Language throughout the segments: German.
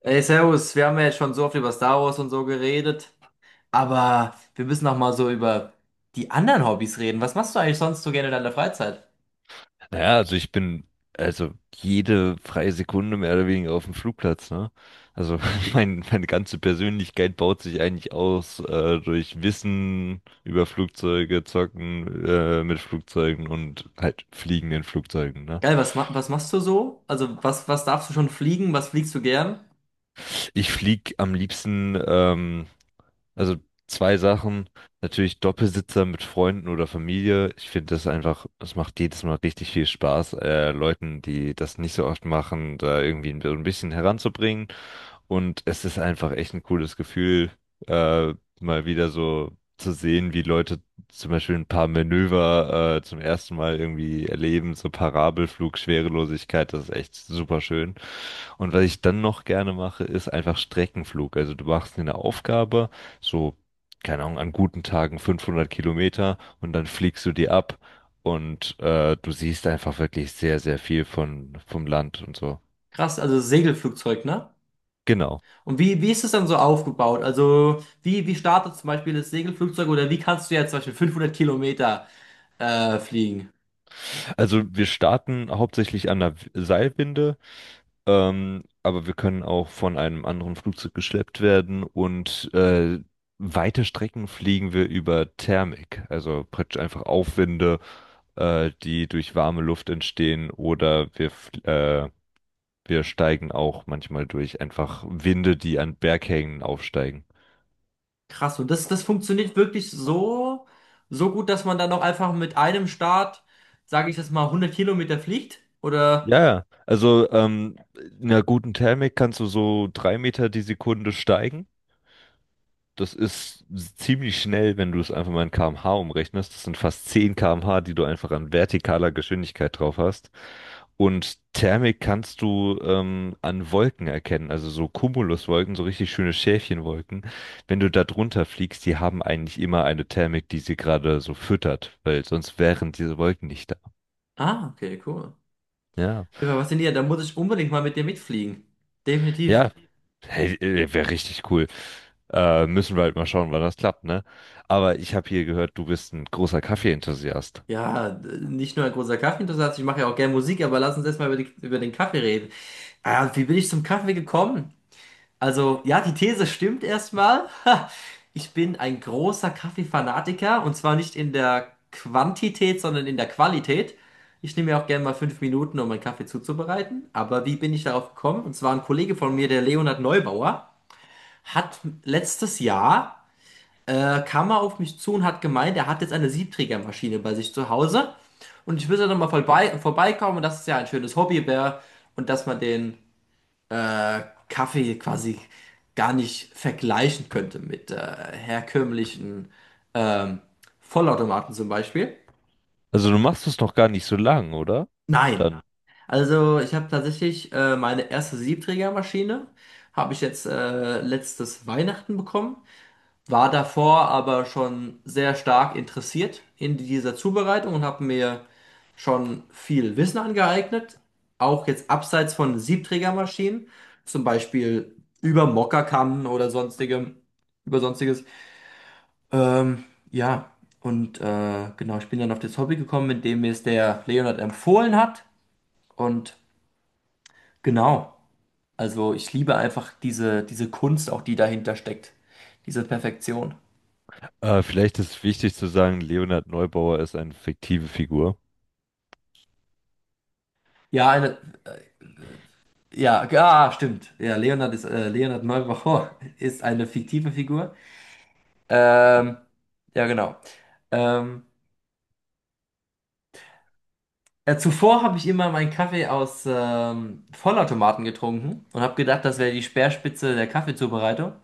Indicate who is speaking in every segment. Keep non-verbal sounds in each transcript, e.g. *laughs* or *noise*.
Speaker 1: Ey, Servus, wir haben ja jetzt schon so oft über Star Wars und so geredet, aber wir müssen noch mal so über die anderen Hobbys reden. Was machst du eigentlich sonst so gerne in deiner Freizeit?
Speaker 2: Naja, also ich bin jede freie Sekunde mehr oder weniger auf dem Flugplatz, ne? Also *laughs* meine ganze Persönlichkeit baut sich eigentlich aus durch Wissen über Flugzeuge, Zocken mit Flugzeugen und halt Fliegen in Flugzeugen, ne?
Speaker 1: Geil, was machst du so? Also, was darfst du schon fliegen? Was fliegst du gern?
Speaker 2: Ich flieg am liebsten, also zwei Sachen, natürlich Doppelsitzer mit Freunden oder Familie. Ich finde das einfach, es macht jedes Mal richtig viel Spaß, Leuten, die das nicht so oft machen, da irgendwie so ein bisschen heranzubringen. Und es ist einfach echt ein cooles Gefühl, äh, mal wieder so zu sehen, wie Leute zum Beispiel ein paar Manöver, zum ersten Mal irgendwie erleben, so Parabelflug, Schwerelosigkeit, das ist echt super schön. Und was ich dann noch gerne mache, ist einfach Streckenflug. Also du machst dir eine Aufgabe, so, keine Ahnung, an guten Tagen 500 Kilometer und dann fliegst du die ab und du siehst einfach wirklich sehr, sehr viel vom Land und so.
Speaker 1: Krass, also Segelflugzeug, ne?
Speaker 2: Genau.
Speaker 1: Und wie ist es dann so aufgebaut? Also, wie startet zum Beispiel das Segelflugzeug oder wie kannst du jetzt zum Beispiel 500 Kilometer fliegen?
Speaker 2: Also wir starten hauptsächlich an der Seilwinde, aber wir können auch von einem anderen Flugzeug geschleppt werden und weite Strecken fliegen wir über Thermik, also praktisch einfach Aufwinde, die durch warme Luft entstehen oder äh, wir steigen auch manchmal durch einfach Winde, die an Berghängen aufsteigen.
Speaker 1: Krass, und das funktioniert wirklich so gut, dass man dann auch einfach mit einem Start, sage ich jetzt mal, 100 Kilometer fliegt? Oder?
Speaker 2: Ja, ja. Also in einer guten Thermik kannst du so 3 Meter die Sekunde steigen. Das ist ziemlich schnell, wenn du es einfach mal in km/h umrechnest. Das sind fast 10 km/h, die du einfach an vertikaler Geschwindigkeit drauf hast. Und Thermik kannst du an Wolken erkennen, also so Cumuluswolken, so richtig schöne Schäfchenwolken. Wenn du da drunter fliegst, die haben eigentlich immer eine Thermik, die sie gerade so füttert, weil sonst wären diese Wolken nicht da.
Speaker 1: Ah, okay, cool. Auf
Speaker 2: Ja,
Speaker 1: jeden Fall, Was Da muss ich unbedingt mal mit dir mitfliegen. Definitiv.
Speaker 2: ja, hey, wäre richtig cool. Müssen wir halt mal schauen, wann das klappt, ne? Aber ich habe hier gehört, du bist ein großer Kaffee-Enthusiast.
Speaker 1: Ja, nicht nur ein großer Kaffeeinteressent, ich mache ja auch gerne Musik, aber lass uns erstmal über über den Kaffee reden. Ah, wie bin ich zum Kaffee gekommen? Also, ja, die These stimmt erstmal. *laughs* Ich bin ein großer Kaffeefanatiker und zwar nicht in der Quantität, sondern in der Qualität. Ich nehme mir auch gerne mal 5 Minuten, um meinen Kaffee zuzubereiten. Aber wie bin ich darauf gekommen? Und zwar ein Kollege von mir, der Leonhard Neubauer, hat letztes Jahr, kam er auf mich zu und hat gemeint, er hat jetzt eine Siebträgermaschine bei sich zu Hause. Und ich will da nochmal vorbeikommen. Und das ist ja ein schönes Hobby wäre und dass man den äh, Kaffee quasi gar nicht vergleichen könnte mit herkömmlichen ähm, Vollautomaten zum Beispiel.
Speaker 2: Also du machst es noch gar nicht so lang, oder?
Speaker 1: Nein,
Speaker 2: Dann.
Speaker 1: also ich habe tatsächlich meine erste Siebträgermaschine, habe ich jetzt letztes Weihnachten bekommen. War davor aber schon sehr stark interessiert in dieser Zubereitung und habe mir schon viel Wissen angeeignet, auch jetzt abseits von Siebträgermaschinen, zum Beispiel über Mokkakannen oder sonstigem, über sonstiges. Ähm, ja, und genau, ich bin dann auf das Hobby gekommen, indem mir es der Leonard empfohlen hat. Und genau, also ich liebe einfach diese Kunst, auch die dahinter steckt, diese Perfektion.
Speaker 2: Vielleicht ist wichtig zu sagen, Leonhard Neubauer ist eine fiktive Figur.
Speaker 1: Ja, eine. Ja, ah, stimmt. Ja, Leonard ist Leonard Malraux *laughs* ist eine fiktive Figur. Ähm, ja, genau. Ähm, ja, zuvor habe ich immer meinen Kaffee aus Vollautomaten getrunken und habe gedacht, das wäre die Speerspitze der Kaffeezubereitung.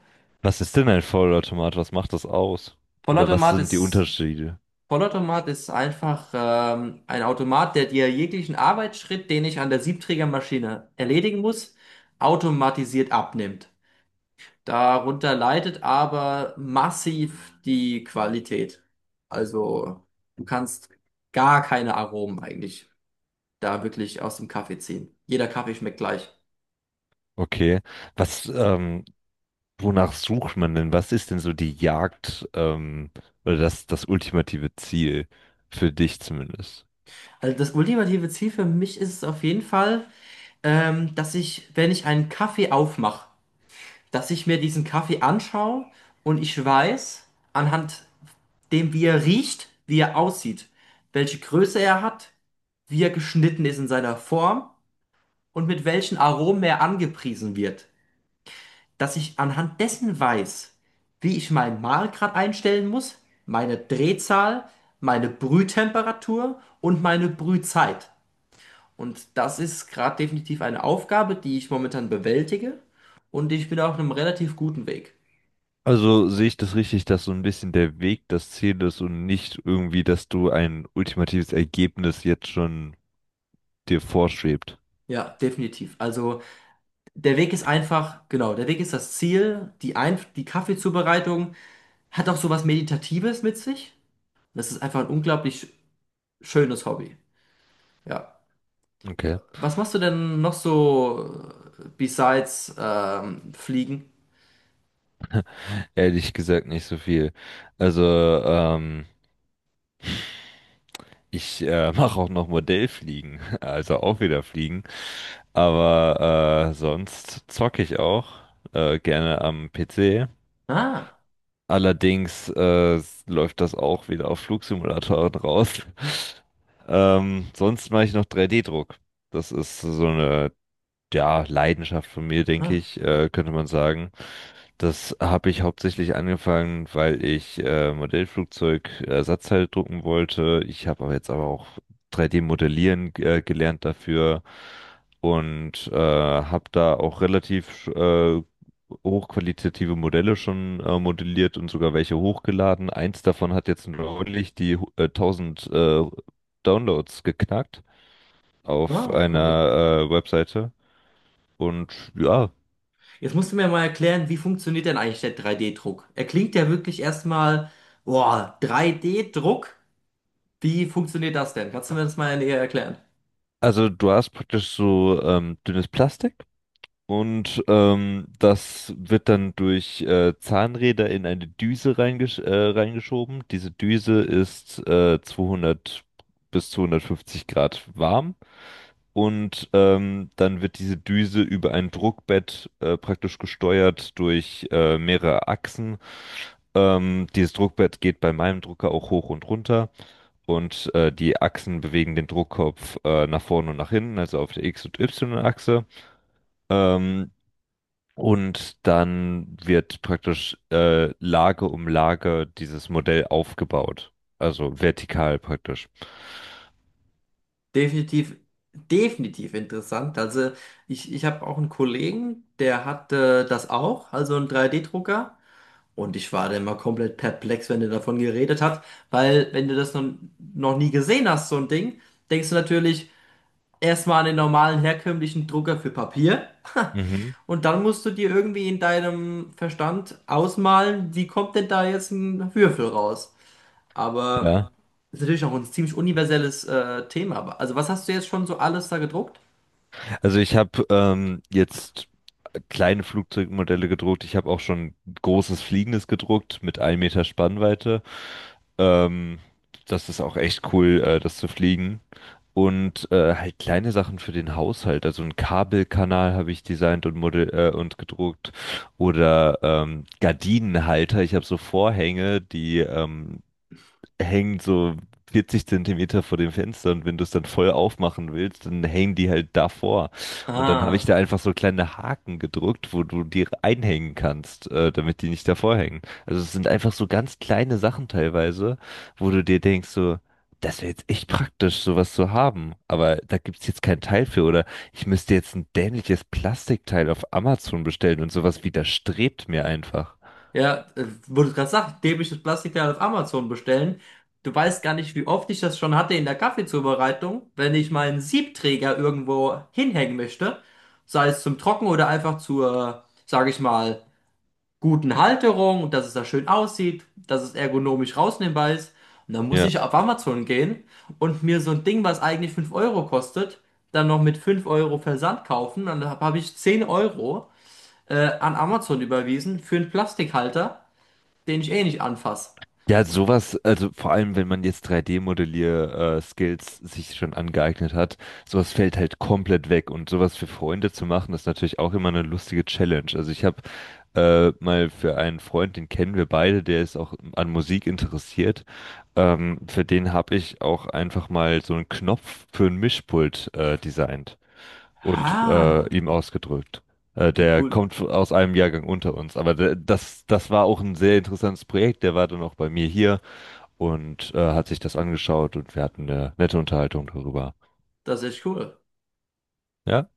Speaker 2: Was ist denn ein Vollautomat? Was macht das aus? Oder was
Speaker 1: Vollautomat
Speaker 2: sind die
Speaker 1: ist,
Speaker 2: Unterschiede?
Speaker 1: Vollautomat ist einfach ein Automat, der dir jeglichen Arbeitsschritt, den ich an der Siebträgermaschine erledigen muss, automatisiert abnimmt. Darunter leidet aber massiv die Qualität. Also du kannst gar keine Aromen eigentlich da wirklich aus dem Kaffee ziehen. Jeder Kaffee schmeckt gleich.
Speaker 2: Okay. Was, wonach sucht man denn? Was ist denn so die Jagd, oder das ultimative Ziel? Für dich zumindest.
Speaker 1: Also das ultimative Ziel für mich ist es auf jeden Fall, dass ich, wenn ich einen Kaffee aufmache, dass ich mir diesen Kaffee anschaue und ich weiß, anhand dem, wie er riecht, wie er aussieht, welche Größe er hat, wie er geschnitten ist in seiner Form und mit welchen Aromen er angepriesen wird, dass ich anhand dessen weiß, wie ich meinen Mahlgrad einstellen muss, meine Drehzahl, meine Brühtemperatur und meine Brühzeit. Und das ist gerade definitiv eine Aufgabe, die ich momentan bewältige und ich bin auf einem relativ guten Weg.
Speaker 2: Also sehe ich das richtig, dass so ein bisschen der Weg das Ziel ist und nicht irgendwie, dass du ein ultimatives Ergebnis jetzt schon dir vorschwebt.
Speaker 1: Ja, definitiv. Also der Weg ist einfach, genau, der Weg ist das Ziel. Die Kaffeezubereitung hat auch sowas Meditatives mit sich. Das ist einfach ein unglaublich schönes Hobby. Ja.
Speaker 2: Okay.
Speaker 1: Was machst du denn noch so besides Fliegen?
Speaker 2: Ehrlich gesagt nicht so viel. Also, ich *laughs* mache auch noch Modellfliegen, *laughs* also auch wieder Fliegen. Aber sonst zocke ich auch gerne am PC.
Speaker 1: Ah,
Speaker 2: Allerdings läuft das auch wieder auf Flugsimulatoren raus. *laughs* Sonst mache ich noch 3D-Druck. Das ist so eine ja, Leidenschaft von mir, denke
Speaker 1: ah,
Speaker 2: ich, könnte man sagen. Das habe ich hauptsächlich angefangen, weil ich Modellflugzeug Ersatzteile drucken wollte. Ich habe aber jetzt auch 3D-Modellieren gelernt dafür und habe da auch relativ hochqualitative Modelle schon modelliert und sogar welche hochgeladen. Eins davon hat jetzt neulich die 1000 Downloads geknackt auf
Speaker 1: cool.
Speaker 2: einer Webseite. Und ja,
Speaker 1: Jetzt musst du mir mal erklären, wie funktioniert denn eigentlich der 3D-Druck? Er klingt ja wirklich erstmal, boah, 3D-Druck? Wie funktioniert das denn? Kannst du mir das mal näher erklären?
Speaker 2: also du hast praktisch so dünnes Plastik und das wird dann durch Zahnräder in eine Düse reingeschoben. Diese Düse ist 200 bis 250 Grad warm und dann wird diese Düse über ein Druckbett praktisch gesteuert durch mehrere Achsen. Dieses Druckbett geht bei meinem Drucker auch hoch und runter. Und die Achsen bewegen den Druckkopf nach vorne und nach hinten, also auf der X- und Y-Achse. Ähm, und dann wird praktisch Lage um Lage dieses Modell aufgebaut. Also vertikal praktisch.
Speaker 1: Definitiv, definitiv interessant. Also ich habe auch einen Kollegen, der hat das auch, also einen 3D-Drucker. Und ich war dann mal komplett perplex, wenn der davon geredet hat, weil wenn du das noch nie gesehen hast, so ein Ding, denkst du natürlich erstmal an den normalen herkömmlichen Drucker für Papier
Speaker 2: Mhm.
Speaker 1: und dann musst du dir irgendwie in deinem Verstand ausmalen, wie kommt denn da jetzt ein Würfel raus? Aber
Speaker 2: Ja.
Speaker 1: ist natürlich auch ein ziemlich universelles Thema. Aber- Also was hast du jetzt schon so alles da gedruckt?
Speaker 2: Also ich habe jetzt kleine Flugzeugmodelle gedruckt. Ich habe auch schon großes Fliegendes gedruckt mit 1 Meter Spannweite. Ähm, Das ist auch echt cool, das zu fliegen. Und halt kleine Sachen für den Haushalt. Also einen Kabelkanal habe ich designt und model und gedruckt oder Gardinenhalter. Ich habe so Vorhänge, die hängen so 40 Zentimeter vor dem Fenster und wenn du es dann voll aufmachen willst, dann hängen die halt davor. Und dann habe ich
Speaker 1: Ah.
Speaker 2: da einfach so kleine Haken gedrückt, wo du die einhängen kannst, damit die nicht davor hängen. Also es sind einfach so ganz kleine Sachen teilweise, wo du dir denkst so, das wäre jetzt echt praktisch, sowas zu haben. Aber da gibt's jetzt kein Teil für. Oder ich müsste jetzt ein dämliches Plastikteil auf Amazon bestellen und sowas widerstrebt mir einfach.
Speaker 1: Ja, wo du gerade sagst, dämliches Plastikteil auf Amazon bestellen. Du weißt gar nicht, wie oft ich das schon hatte in der Kaffeezubereitung, wenn ich meinen Siebträger irgendwo hinhängen möchte, sei es zum Trocken oder einfach zur, sage ich mal, guten Halterung und dass es da schön aussieht, dass es ergonomisch rausnehmbar ist. Und dann muss
Speaker 2: Ja.
Speaker 1: ich auf Amazon gehen und mir so ein Ding, was eigentlich 5 Euro kostet, dann noch mit 5 Euro Versand kaufen. Dann hab ich 10 Euro an Amazon überwiesen für einen Plastikhalter den ich eh nicht anfasse.
Speaker 2: Ja, sowas, also vor allem, wenn man jetzt 3D-Modellier-Skills sich schon angeeignet hat, sowas fällt halt komplett weg. Und sowas für Freunde zu machen, ist natürlich auch immer eine lustige Challenge. Also ich habe mal für einen Freund, den kennen wir beide, der ist auch an Musik interessiert. Für den habe ich auch einfach mal so einen Knopf für ein Mischpult designt und
Speaker 1: Ah,
Speaker 2: ihm ausgedrückt.
Speaker 1: wie
Speaker 2: Der
Speaker 1: cool.
Speaker 2: kommt aus einem Jahrgang unter uns, aber das war auch ein sehr interessantes Projekt. Der war dann auch bei mir hier und hat sich das angeschaut und wir hatten eine nette Unterhaltung darüber.
Speaker 1: Das ist echt cool.
Speaker 2: Ja,